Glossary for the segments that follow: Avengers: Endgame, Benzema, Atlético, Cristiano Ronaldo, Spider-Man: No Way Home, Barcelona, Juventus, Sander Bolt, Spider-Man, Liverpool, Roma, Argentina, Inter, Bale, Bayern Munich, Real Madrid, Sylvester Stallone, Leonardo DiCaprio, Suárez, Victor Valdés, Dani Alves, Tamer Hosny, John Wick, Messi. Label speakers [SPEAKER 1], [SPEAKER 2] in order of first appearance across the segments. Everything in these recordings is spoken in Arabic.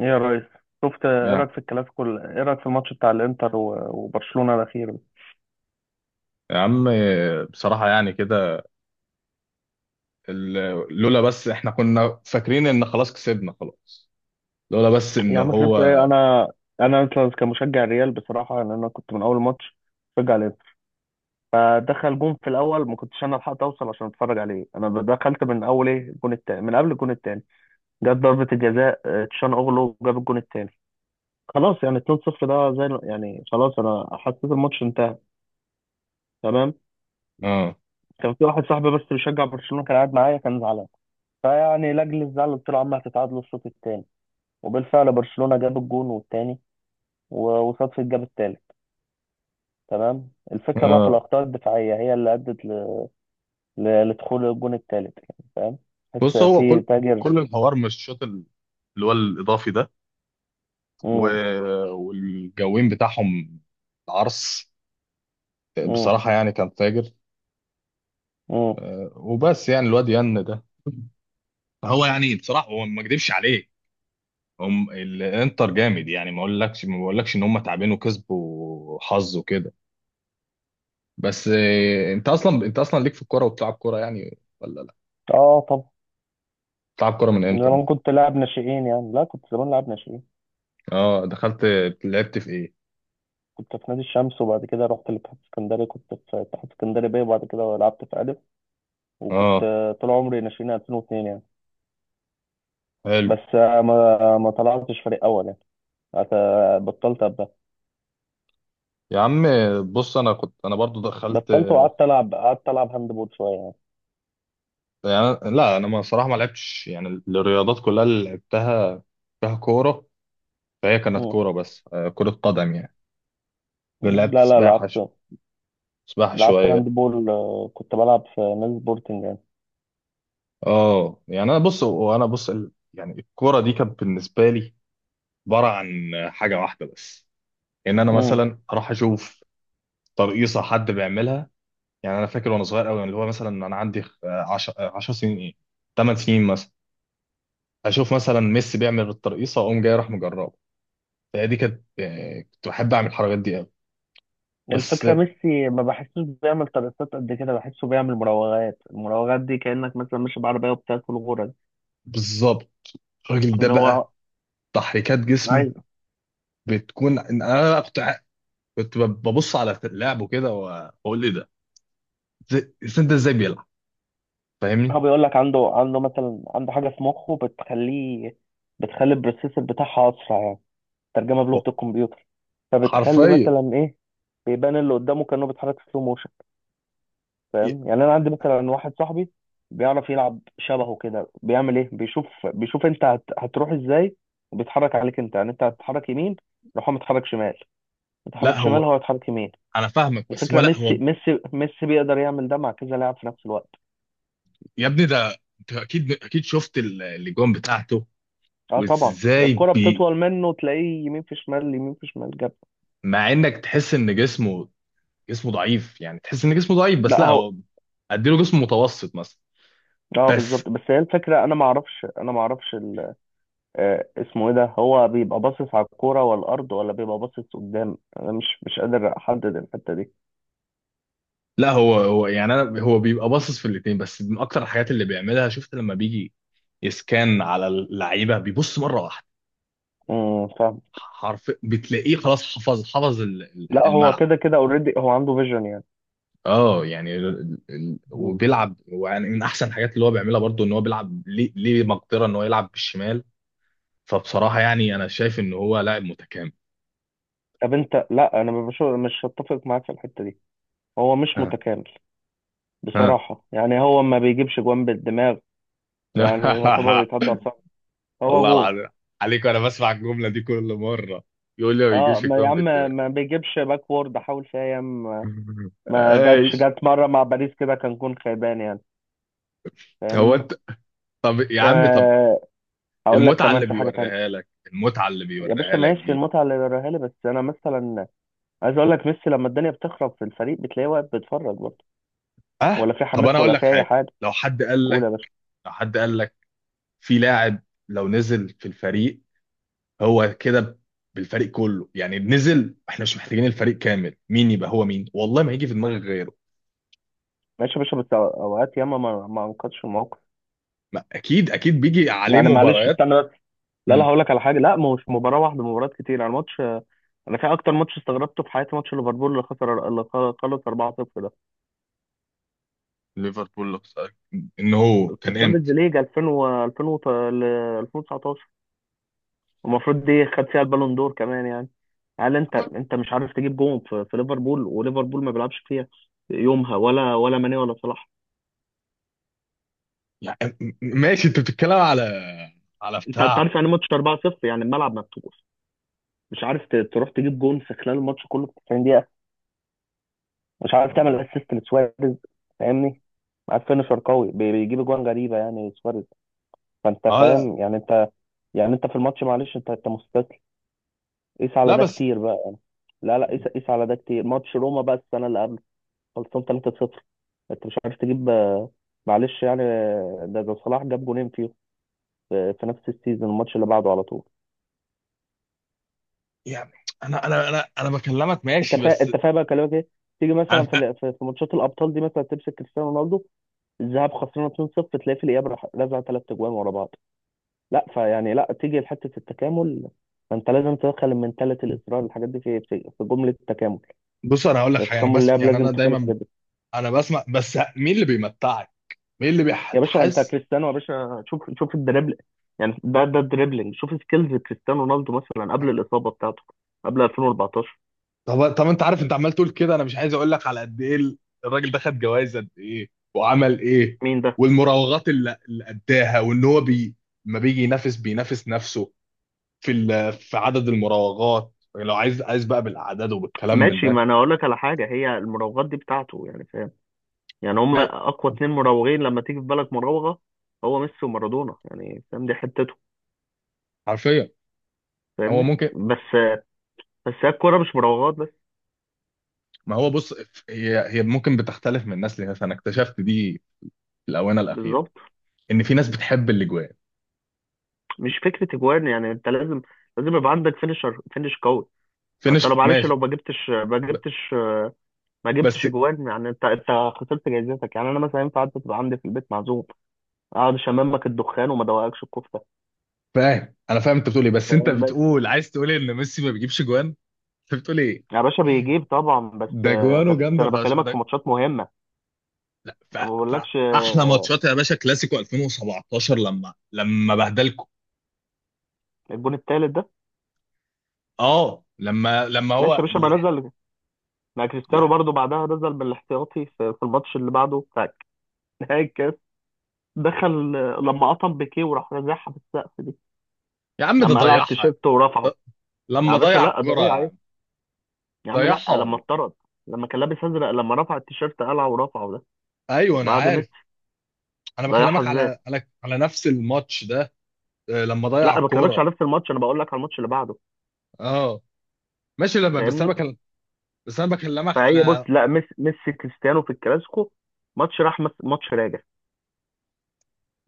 [SPEAKER 1] ايه يا ريس؟ شفت، ايه
[SPEAKER 2] يا
[SPEAKER 1] رايك في الكلاسيكو؟ ايه رايك في الماتش بتاع الانتر و- وبرشلونه الاخير ده؟
[SPEAKER 2] يا عم، بصراحة يعني كده. لولا بس احنا كنا فاكرين ان خلاص كسبنا خلاص، لولا بس ان
[SPEAKER 1] يا عم
[SPEAKER 2] هو.
[SPEAKER 1] كسبت ايه انا أصلاً كمشجع الريال، بصراحه ان انا كنت من اول ماتش بشجع الانتر. فدخل جون في الاول، ما كنتش انا لحقت اوصل عشان اتفرج عليه. انا دخلت من اول ايه الجون التاني، من قبل الجون التاني. جت ضربه الجزاء، تشان اوغلو جاب الجون التاني. خلاص يعني 2-0، ده زي يعني خلاص، انا حسيت الماتش انتهى، تمام.
[SPEAKER 2] اه.
[SPEAKER 1] كان في واحد صاحبي بس بيشجع برشلونه، كان قاعد معايا، كان زعلان. فيعني لاجل الزعل قلت له: يا عم هتتعادلوا الشوط التاني. وبالفعل برشلونة جاب الجون والتاني، و- وصدفة جاب التالت، تمام. الفكرة بقى في
[SPEAKER 2] اه.
[SPEAKER 1] الأخطاء الدفاعية، هي اللي أدت ل... لدخول الجون التالت، يعني فاهم. تحس
[SPEAKER 2] بص، هو
[SPEAKER 1] في
[SPEAKER 2] كل
[SPEAKER 1] تاجر.
[SPEAKER 2] كل الحوار مش الشوط اللي هو الاضافي ده، و...
[SPEAKER 1] مم.
[SPEAKER 2] والجوين بتاعهم العرس
[SPEAKER 1] مم.
[SPEAKER 2] بصراحة يعني كان فاجر.
[SPEAKER 1] مم.
[SPEAKER 2] وبس يعني الواد ين ده، هو يعني بصراحة هو ما اكدبش عليه، هم الانتر جامد، يعني ما بقولكش ان هم تعبانين وكسبوا حظ وكده. بس انت اصلا ليك في الكوره وبتلعب كوره يعني، ولا لا؟
[SPEAKER 1] اه، طب.
[SPEAKER 2] بتلعب كوره من امتى
[SPEAKER 1] زمان
[SPEAKER 2] مثلا؟
[SPEAKER 1] كنت لاعب ناشئين يعني. لا، كنت زمان لاعب ناشئين.
[SPEAKER 2] اه دخلت، لعبت في ايه؟
[SPEAKER 1] كنت في نادي الشمس، وبعد كده رحت لاتحاد اسكندري، كنت في اتحاد اسكندري بيه، وبعد كده لعبت في ألف. وكنت
[SPEAKER 2] اه
[SPEAKER 1] طول عمري ناشئين 2002 يعني.
[SPEAKER 2] حلو.
[SPEAKER 1] بس ما طلعتش فريق أول يعني. بطلت أبقى.
[SPEAKER 2] يا عم بص، انا كنت انا برضو دخلت.
[SPEAKER 1] بطلت، وقعدت العب. قعدت العب هاند بول شويه يعني.
[SPEAKER 2] يعني لا، انا ما صراحه ما لعبتش، يعني الرياضات كلها اللي لعبتها فيها كوره، فهي كانت
[SPEAKER 1] مم.
[SPEAKER 2] كوره بس كره قدم يعني.
[SPEAKER 1] مم.
[SPEAKER 2] لعبت
[SPEAKER 1] لا لا،
[SPEAKER 2] سباحه
[SPEAKER 1] لعبت.
[SPEAKER 2] سباحه
[SPEAKER 1] لعبت
[SPEAKER 2] شويه.
[SPEAKER 1] هاند بول، كنت بلعب في نادي سبورتنج يعني.
[SPEAKER 2] اه يعني انا بص يعني الكوره دي كانت بالنسبه لي عباره عن حاجه واحده بس، ان انا
[SPEAKER 1] مم.
[SPEAKER 2] مثلا اروح اشوف ترقيصه حد بيعملها. يعني انا فاكر وانا صغير قوي، يعني اللي هو مثلا انا عندي 10 سنين، ايه 8 سنين مثلا، اشوف مثلا ميسي بيعمل الترقيصه اقوم جاي راح مجربه. فهي دي كانت كنت بحب اعمل الحركات دي قوي بس.
[SPEAKER 1] الفكره ميسي ما بحسوش بيعمل ترقصات قد كده، بحسه بيعمل مراوغات. المراوغات دي كانك مثلا ماشي بعربيه وبتاكل غرز.
[SPEAKER 2] بالظبط، الراجل ده
[SPEAKER 1] ده
[SPEAKER 2] بقى
[SPEAKER 1] هو
[SPEAKER 2] تحريكات جسمه
[SPEAKER 1] عايز.
[SPEAKER 2] بتكون... انا بقى كنت ببص على لعبه كده واقول ايه ده. إزاي ده، ازاي بيلعب؟ فاهمني؟
[SPEAKER 1] هو بيقول لك عنده حاجه في مخه بتخليه، بتخلي البروسيسور بتاعها اسرع يعني. ترجمه بلغه
[SPEAKER 2] هو
[SPEAKER 1] الكمبيوتر، فبتخلي
[SPEAKER 2] حرفيا،
[SPEAKER 1] مثلا ايه، بيبان اللي قدامه كانه بيتحرك سلو موشن. فاهم يعني. انا عندي مثلا واحد صاحبي بيعرف يلعب شبهه، كده بيعمل ايه، بيشوف انت هتروح ازاي وبيتحرك عليك. انت يعني انت هتتحرك يمين، يروح هو متحرك شمال.
[SPEAKER 2] لا
[SPEAKER 1] متحرك شمال،
[SPEAKER 2] هو،
[SPEAKER 1] هو يتحرك يمين.
[SPEAKER 2] انا فاهمك بس هو،
[SPEAKER 1] الفكره
[SPEAKER 2] لا هو.
[SPEAKER 1] ميسي بيقدر يعمل ده مع كذا لاعب في نفس الوقت.
[SPEAKER 2] يا ابني ده انت اكيد اكيد شفت الاجوان بتاعته
[SPEAKER 1] اه طبعا.
[SPEAKER 2] وازاي
[SPEAKER 1] الكره
[SPEAKER 2] بي.
[SPEAKER 1] بتطول منه، تلاقيه يمين في شمال، يمين في شمال، جاب.
[SPEAKER 2] مع انك تحس ان جسمه، جسمه ضعيف يعني، تحس ان جسمه ضعيف بس
[SPEAKER 1] لا
[SPEAKER 2] لا
[SPEAKER 1] هو.
[SPEAKER 2] هو، اديله جسم متوسط مثلا.
[SPEAKER 1] اه
[SPEAKER 2] بس
[SPEAKER 1] بالظبط. بس هي الفكره، انا ما اعرفش ال... آه اسمه ايه ده، هو بيبقى باصص على الكوره والارض، ولا بيبقى باصص قدام؟ انا مش قادر احدد الحته دي.
[SPEAKER 2] لا، هو يعني انا هو بيبقى باصص في الاثنين، بس من اكتر الحاجات اللي بيعملها، شفت لما بيجي يسكان على اللعيبه بيبص مره واحده
[SPEAKER 1] فاهم.
[SPEAKER 2] حرف بتلاقيه خلاص، حفظ
[SPEAKER 1] لا هو،
[SPEAKER 2] الملعب.
[SPEAKER 1] كده كده اوريدي هو عنده فيجن يعني.
[SPEAKER 2] اه يعني
[SPEAKER 1] مم.
[SPEAKER 2] وبيلعب، يعني من احسن الحاجات اللي هو بيعملها برضو ان هو بيلعب ليه مقدره ان هو يلعب بالشمال. فبصراحه يعني انا شايف ان هو لاعب متكامل.
[SPEAKER 1] طب انت، لا انا مش هتفق معاك في الحته دي. هو مش متكامل.
[SPEAKER 2] ها.
[SPEAKER 1] بصراحه يعني هو ما بيجيبش جوان بالدماغ. يعني يعتبر يتعدى على الصعب. هو
[SPEAKER 2] والله
[SPEAKER 1] جون.
[SPEAKER 2] العظيم عليك، وانا بسمع الجمله دي كل مره، يقول لي ما
[SPEAKER 1] اه،
[SPEAKER 2] بيجيبش
[SPEAKER 1] ما يا
[SPEAKER 2] الجون في
[SPEAKER 1] عم،
[SPEAKER 2] الدماغ.
[SPEAKER 1] ما بيجيبش باكورد. حاول فيها ياما ما جاتش،
[SPEAKER 2] ايش؟
[SPEAKER 1] جات مره مع باريس كده، كان جون خيبان يعني.
[SPEAKER 2] هو
[SPEAKER 1] فاهمني.
[SPEAKER 2] انت طب يا عم طب.
[SPEAKER 1] آه اقول لك
[SPEAKER 2] المتعه
[SPEAKER 1] كمان
[SPEAKER 2] اللي
[SPEAKER 1] في حاجه تانية.
[SPEAKER 2] بيوريها لك، المتعه اللي
[SPEAKER 1] يا باشا
[SPEAKER 2] بيوريها لك
[SPEAKER 1] ماشي،
[SPEAKER 2] دي.
[SPEAKER 1] المتعه اللي وراها لي، بس انا مثلا عايز اقول لك: ميسي لما الدنيا بتخرب في الفريق، بتلاقيه واقف بيتفرج برضه.
[SPEAKER 2] اه
[SPEAKER 1] ولا في
[SPEAKER 2] طب انا
[SPEAKER 1] حماس
[SPEAKER 2] اقول
[SPEAKER 1] ولا
[SPEAKER 2] لك
[SPEAKER 1] في اي
[SPEAKER 2] حاجه.
[SPEAKER 1] حاجه.
[SPEAKER 2] لو حد قال
[SPEAKER 1] قول يا
[SPEAKER 2] لك
[SPEAKER 1] باشا.
[SPEAKER 2] لو حد قال لك في لاعب لو نزل في الفريق، هو كده بالفريق كله يعني نزل، احنا مش محتاجين الفريق كامل، مين يبقى هو؟ مين والله ما هيجي في دماغك غيره.
[SPEAKER 1] ماشي يا باشا، بس اوقات ياما ما انقذش الموقف.
[SPEAKER 2] ما اكيد اكيد بيجي عليه
[SPEAKER 1] يعني معلش
[SPEAKER 2] مباريات.
[SPEAKER 1] استنى بس. لا لا، هقول لك على حاجه. لا، ما هو مش مباراه واحده، مباريات كتير يعني ماتش. انا في اكتر ماتش استغربته في حياتي، ماتش ليفربول اللي خسر، اللي خلص 4-0 ده،
[SPEAKER 2] ليفربول خسارة. ان هو
[SPEAKER 1] في
[SPEAKER 2] كان
[SPEAKER 1] الشامبيونز
[SPEAKER 2] امتى؟
[SPEAKER 1] ليج 2000 و 2000 وت- ل 2019. المفروض دي خد فيها البالون دور كمان يعني. هل انت، مش عارف تجيب جون في ليفربول، وليفربول ما بيلعبش فيها يومها ولا ماني ولا صلاح؟
[SPEAKER 2] يعني ماشي، انت بتتكلم على، على
[SPEAKER 1] انت،
[SPEAKER 2] بتاع.
[SPEAKER 1] عارف يعني ماتش 4-0، يعني الملعب مفتوح، مش عارف تروح تجيب جون في خلال الماتش كله في 90 دقيقة. مش عارف تعمل
[SPEAKER 2] اه
[SPEAKER 1] اسيست لسواريز. فاهمني. معاك فينشر قوي بيجيب اجوان غريبة، يعني سواريز. فانت
[SPEAKER 2] لا
[SPEAKER 1] فاهم يعني انت، يعني انت في الماتش معلش، انت مستسلم. قيس على
[SPEAKER 2] لا
[SPEAKER 1] ده
[SPEAKER 2] بس،
[SPEAKER 1] كتير بقى يعني. لا لا، قيس قيس على ده كتير. ماتش روما بقى السنة اللي قبل، خلصان 3-0. انت مش عارف تجيب، معلش يعني، ده صلاح جاب جونين فيه في نفس السيزون، الماتش اللي بعده على طول.
[SPEAKER 2] يعني انا بكلمك
[SPEAKER 1] انت
[SPEAKER 2] ماشي بس.
[SPEAKER 1] انت فاهم بقى كلامك ايه؟ تيجي مثلا في
[SPEAKER 2] انا
[SPEAKER 1] ال- في في ماتشات الابطال دي، مثلا تمسك كريستيانو رونالدو، الذهاب خسرنا 2-0، تلاقي في الإياب راح رزع ثلاث أجوان ورا بعض. لا فيعني، لا، تيجي لحتة التكامل. فأنت لازم تدخل المنتاليتي، الإصرار، الحاجات دي في جملة التكامل.
[SPEAKER 2] بص، انا هقول لك
[SPEAKER 1] يعني
[SPEAKER 2] حاجه. انا
[SPEAKER 1] تكامل
[SPEAKER 2] بسمع
[SPEAKER 1] اللعب
[SPEAKER 2] يعني،
[SPEAKER 1] لازم
[SPEAKER 2] انا
[SPEAKER 1] تكون
[SPEAKER 2] دايما
[SPEAKER 1] الحاجات دي.
[SPEAKER 2] انا بسمع، بس مين اللي بيمتعك؟ مين اللي
[SPEAKER 1] يا باشا أنت
[SPEAKER 2] بيحس؟
[SPEAKER 1] كريستيانو، يا باشا شوف شوف الدريبل، يعني ده الدريبلينج. شوف سكيلز كريستيانو رونالدو مثلا، قبل الإصابة بتاعته، قبل 2014.
[SPEAKER 2] طب طب انت عارف، انت عمال تقول كده، انا مش عايز اقول لك على قد ايه الراجل ده خد جوائز قد ايه وعمل ايه.
[SPEAKER 1] مين ده؟
[SPEAKER 2] والمراوغات اللي اداها، وان هو بي، ما بيجي بينافس نفسه في في عدد المراوغات، يعني لو عايز بقى بالاعداد وبالكلام من
[SPEAKER 1] ماشي، ما
[SPEAKER 2] ده.
[SPEAKER 1] انا اقول لك على حاجه. هي المراوغات دي بتاعته يعني، فاهم؟ يعني هم
[SPEAKER 2] ما
[SPEAKER 1] اقوى اتنين مراوغين لما تيجي في بالك مراوغه، هو ميسي ومارادونا. يعني فاهم، دي حتته.
[SPEAKER 2] حرفيا، هو
[SPEAKER 1] فاهمني
[SPEAKER 2] ممكن.
[SPEAKER 1] بس. بس هي الكوره مش مراوغات بس.
[SPEAKER 2] ما هو بص، هي ممكن بتختلف من ناس لناس، انا اكتشفت دي في الاونه الاخيره
[SPEAKER 1] بالظبط.
[SPEAKER 2] ان في ناس بتحب الاجوان،
[SPEAKER 1] مش فكره اجوان يعني، انت لازم، يبقى عندك فينش قوي.
[SPEAKER 2] في
[SPEAKER 1] ما انت لو
[SPEAKER 2] ناس
[SPEAKER 1] معلش،
[SPEAKER 2] ماشي
[SPEAKER 1] لو
[SPEAKER 2] ب-
[SPEAKER 1] ما
[SPEAKER 2] بس.
[SPEAKER 1] جبتش اجوان، يعني انت، خسرت جايزتك. يعني انا مثلا ينفع انت تبقى عندي في البيت معزوم، اقعد اشممك الدخان وما ادوقكش الكفته؟
[SPEAKER 2] فاهم، انا فاهم انت بتقول ايه، بس انت
[SPEAKER 1] فاهم بس.
[SPEAKER 2] بتقول عايز تقول إيه؟ ان ميسي ما بيجيبش جوان؟ انت بتقول ايه؟
[SPEAKER 1] يا باشا بيجيب طبعا، بس
[SPEAKER 2] ده جوانه
[SPEAKER 1] بس
[SPEAKER 2] جامده
[SPEAKER 1] انا
[SPEAKER 2] فشخ
[SPEAKER 1] بكلمك
[SPEAKER 2] ده.
[SPEAKER 1] في ماتشات مهمه.
[SPEAKER 2] لا
[SPEAKER 1] انا ما بقولكش.
[SPEAKER 2] احلى ماتشات يا باشا كلاسيكو 2017 لما بهدلكم.
[SPEAKER 1] الجون التالت ده.
[SPEAKER 2] اه لما
[SPEAKER 1] ماشي
[SPEAKER 2] هو.
[SPEAKER 1] يا باشا، ما نزل. ما كريستيانو برضو بعدها نزل بالاحتياطي في الماتش اللي بعده بتاع نهائي. دخل، لما قطم بيكيه وراح رازعها في السقف دي،
[SPEAKER 2] يا عم ده
[SPEAKER 1] لما قلع
[SPEAKER 2] ضيعها،
[SPEAKER 1] التيشيرت ورفعه.
[SPEAKER 2] ده
[SPEAKER 1] يا
[SPEAKER 2] لما
[SPEAKER 1] باشا
[SPEAKER 2] ضيع
[SPEAKER 1] لا، ده
[SPEAKER 2] الكرة
[SPEAKER 1] ايه
[SPEAKER 2] يا
[SPEAKER 1] عيب.
[SPEAKER 2] عم،
[SPEAKER 1] يا عم لا،
[SPEAKER 2] ضيعها
[SPEAKER 1] لما
[SPEAKER 2] والله.
[SPEAKER 1] اتطرد، لما كان لابس ازرق، لما رفع التيشيرت قلعه ورفعه ده،
[SPEAKER 2] ايوه انا
[SPEAKER 1] بعد ميسي.
[SPEAKER 2] عارف، انا
[SPEAKER 1] ضيعها
[SPEAKER 2] بكلمك
[SPEAKER 1] ازاي.
[SPEAKER 2] على على نفس الماتش ده. لما
[SPEAKER 1] لا
[SPEAKER 2] ضيع
[SPEAKER 1] أنا ما بكلمكش
[SPEAKER 2] الكوره.
[SPEAKER 1] على نفس الماتش، انا بقول لك على الماتش اللي بعده.
[SPEAKER 2] اه ماشي لما بس
[SPEAKER 1] فاهمني.
[SPEAKER 2] انا بكلمك
[SPEAKER 1] فهي بص،
[SPEAKER 2] على.
[SPEAKER 1] لا، ميسي كريستيانو في الكلاسيكو. ماتش راجع.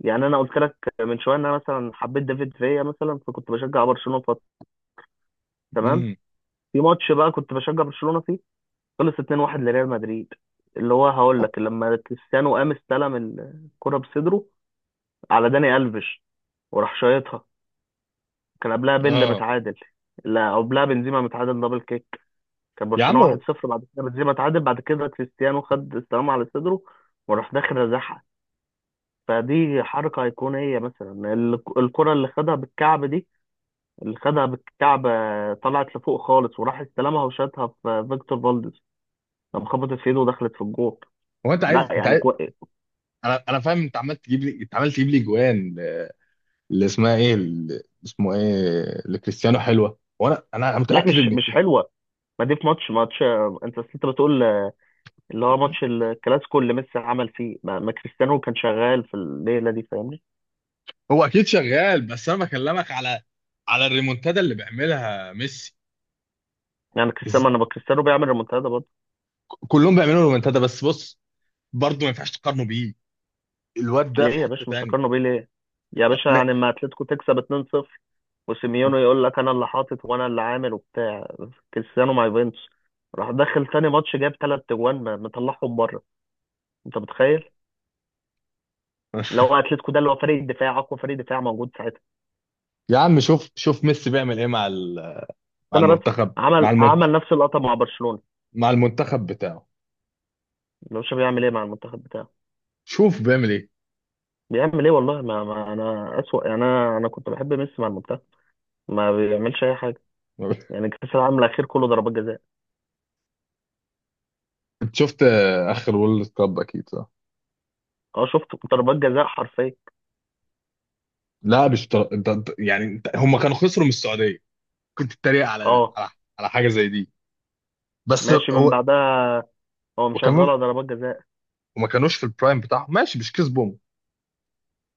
[SPEAKER 1] يعني انا قلت لك من شويه ان انا مثلا حبيت دافيد فيا مثلا، فكنت بشجع برشلونه فتره، تمام.
[SPEAKER 2] امم.
[SPEAKER 1] في ماتش بقى كنت بشجع برشلونه فيه، خلص 2-1 لريال مدريد، اللي هو هقول لك لما كريستيانو قام استلم الكرة بصدره على داني ألفيش وراح شايطها. كان قبلها بيل
[SPEAKER 2] اه
[SPEAKER 1] متعادل. لا، قبلها بنزيما متعادل دبل كيك. كان
[SPEAKER 2] يا عم
[SPEAKER 1] برشلونة
[SPEAKER 2] هو
[SPEAKER 1] 1-0، بعد كده بنزيما اتعادل، بعد كده كريستيانو خد استلام على صدره وراح داخل رزعها. فدي حركة أيقونية مثلا، الكرة اللي خدها بالكعب دي، اللي خدها بالكعب، طلعت لفوق خالص، وراح استلمها وشاتها في فيكتور فالديز لما خبطت في ايده ودخلت في الجول.
[SPEAKER 2] هو انت
[SPEAKER 1] لا
[SPEAKER 2] عايز انت
[SPEAKER 1] يعني
[SPEAKER 2] عايز انا فاهم، انت عمال تجيب لي جوان، اللي اسمه ايه لكريستيانو حلوه، وانا
[SPEAKER 1] لا،
[SPEAKER 2] متاكد
[SPEAKER 1] مش
[SPEAKER 2] ان
[SPEAKER 1] مش حلوه. ما دي في ماتش، انت أصل انت بتقول اللي هو ماتش الكلاسيكو اللي ميسي عمل فيه، ما كريستيانو كان شغال في الليله دي. فاهمني.
[SPEAKER 2] هو اكيد شغال، بس انا بكلمك على الريمونتادا اللي بيعملها ميسي.
[SPEAKER 1] يعني كريستيانو ما انا كريستيانو بيعمل ريمونتادا برضه.
[SPEAKER 2] كلهم بيعملوا رومنتادا، بس بص برضه ما ينفعش تقارنه بيه، الواد ده
[SPEAKER 1] ليه
[SPEAKER 2] في
[SPEAKER 1] يا
[SPEAKER 2] حتة
[SPEAKER 1] باشا مش
[SPEAKER 2] تاني.
[SPEAKER 1] هقارنه بيه؟ ليه؟ يا باشا
[SPEAKER 2] لا
[SPEAKER 1] يعني، اما اتلتيكو تكسب 2-0 وسيميونو يقول لك انا اللي حاطط وانا اللي عامل وبتاع، كريستيانو مع يوفنتوس راح دخل تاني ماتش، جاب ثلاث اجوان، مطلعهم بره. انت متخيل؟ لو اتلتيكو ده اللي هو فريق الدفاع، اقوى فريق دفاع موجود ساعتها.
[SPEAKER 2] يا عم، شوف شوف ميسي بيعمل ايه مع مع
[SPEAKER 1] استنى بس.
[SPEAKER 2] المنتخب،
[SPEAKER 1] عمل، نفس اللقطه مع برشلونه.
[SPEAKER 2] مع المنتخب بتاعه،
[SPEAKER 1] ملوش. بيعمل ايه مع المنتخب بتاعه.
[SPEAKER 2] شوف بيعمل ايه.
[SPEAKER 1] بيعمل ايه والله. ما انا اسوأ يعني. انا كنت بحب ميسي مع المنتخب، ما بيعملش اي حاجه. يعني كاس العالم الاخير كله ضربات جزاء.
[SPEAKER 2] انت شفت اخر وورلد كاب اكيد صح؟
[SPEAKER 1] اه، شفت ضربات جزاء حرفيا.
[SPEAKER 2] لا مش انت يعني هم كانوا خسروا من السعودية، كنت اتريق على ده
[SPEAKER 1] اه.
[SPEAKER 2] على حاجة زي دي، بس
[SPEAKER 1] ماشي، من
[SPEAKER 2] هو.
[SPEAKER 1] بعدها هو
[SPEAKER 2] وكمان
[SPEAKER 1] مشغله ضربات جزاء.
[SPEAKER 2] وما كانوش في البرايم بتاعهم، ماشي مش كسبهم.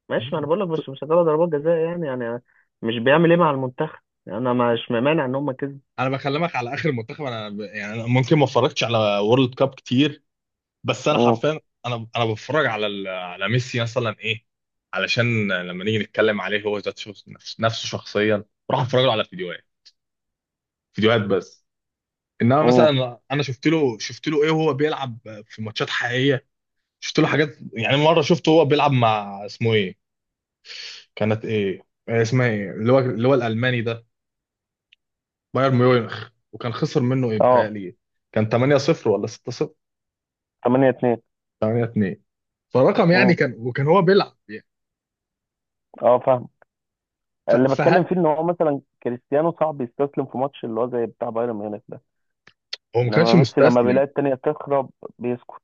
[SPEAKER 1] ماشي، ما انا بقول لك، بس مشغله ضربات جزاء يعني، مش بيعمل ايه مع المنتخب. يعني انا مش مانع ان هم كسبوا.
[SPEAKER 2] انا بكلمك على اخر منتخب، انا يعني انا ممكن ما اتفرجتش على وورلد كاب كتير، بس انا
[SPEAKER 1] امم
[SPEAKER 2] حرفيا، انا بتفرج على على ميسي مثلا ايه، علشان لما نيجي نتكلم عليه هو نفسه شخصيا، بروح اتفرج له على فيديوهات بس، انما
[SPEAKER 1] امم
[SPEAKER 2] مثلا انا شفت له ايه وهو بيلعب في ماتشات حقيقيه، شفت له حاجات. يعني مره شفته هو بيلعب مع اسمه ايه، كانت ايه، إيه اسمها ايه اللي هو الالماني ده، بايرن ميونخ، وكان خسر منه ايه
[SPEAKER 1] اه،
[SPEAKER 2] بيتهيألي. كان 8-0 ولا 6-0؟
[SPEAKER 1] 8-2.
[SPEAKER 2] 8-2. فرقم يعني
[SPEAKER 1] امم
[SPEAKER 2] كان، هو بيلعب يعني.
[SPEAKER 1] اه فاهم.
[SPEAKER 2] ف-
[SPEAKER 1] اللي بتكلم
[SPEAKER 2] فه-
[SPEAKER 1] فيه ان هو مثلا كريستيانو صعب يستسلم في ماتش اللي هو زي بتاع بايرن ميونخ ده،
[SPEAKER 2] هو ما كانش
[SPEAKER 1] لما
[SPEAKER 2] مستسلم
[SPEAKER 1] بيلاقي التانية بتخرب بيسكت.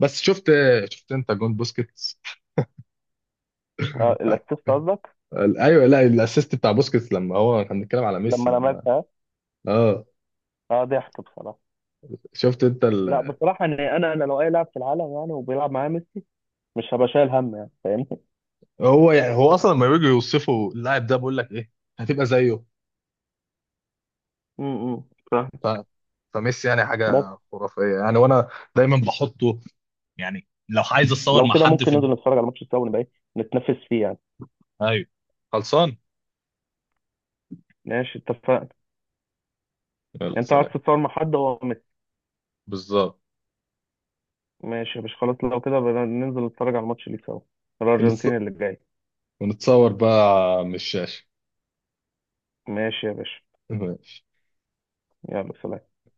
[SPEAKER 2] بس. شفت انت جون بوسكيتس.
[SPEAKER 1] الاسيست قصدك.
[SPEAKER 2] ايوه لا، الاسيست بتاع بوسكيتس، لما هو كان بيتكلم على
[SPEAKER 1] لما
[SPEAKER 2] ميسي لما.
[SPEAKER 1] لمسها.
[SPEAKER 2] اه
[SPEAKER 1] اه، ضحك بصراحة.
[SPEAKER 2] شفت انت
[SPEAKER 1] لا بصراحة، ان انا، لو اي لاعب في العالم يعني وبيلعب معايا ميسي، مش هبقى شايل هم يعني، فاهمني.
[SPEAKER 2] هو يعني هو اصلا لما بيجوا يوصفوا اللاعب ده بيقول لك ايه؟ هتبقى زيه.
[SPEAKER 1] امم فاهم
[SPEAKER 2] ف... فميسي يعني
[SPEAKER 1] بس.
[SPEAKER 2] حاجه خرافيه، يعني وانا دايما بحطه، يعني لو عايز اتصور
[SPEAKER 1] لو
[SPEAKER 2] مع
[SPEAKER 1] كده
[SPEAKER 2] حد
[SPEAKER 1] ممكن
[SPEAKER 2] في.
[SPEAKER 1] ننزل نتفرج على ماتش سوا، ونبقى ايه، نتنافس فيه يعني.
[SPEAKER 2] ايوه، خلصان،
[SPEAKER 1] ماشي اتفقنا.
[SPEAKER 2] يلا
[SPEAKER 1] يعني انت عايز
[SPEAKER 2] سلام.
[SPEAKER 1] تتصور مع حد هو ميسي.
[SPEAKER 2] بالظبط.
[SPEAKER 1] ماشي، مش خلاص لو كده بقى، ننزل نتفرج على الماتش اللي سوا،
[SPEAKER 2] ونتص...
[SPEAKER 1] الارجنتين اللي جاي.
[SPEAKER 2] ونتصور بقى من الشاشه.
[SPEAKER 1] ماشي يا باشا، يلا سلام.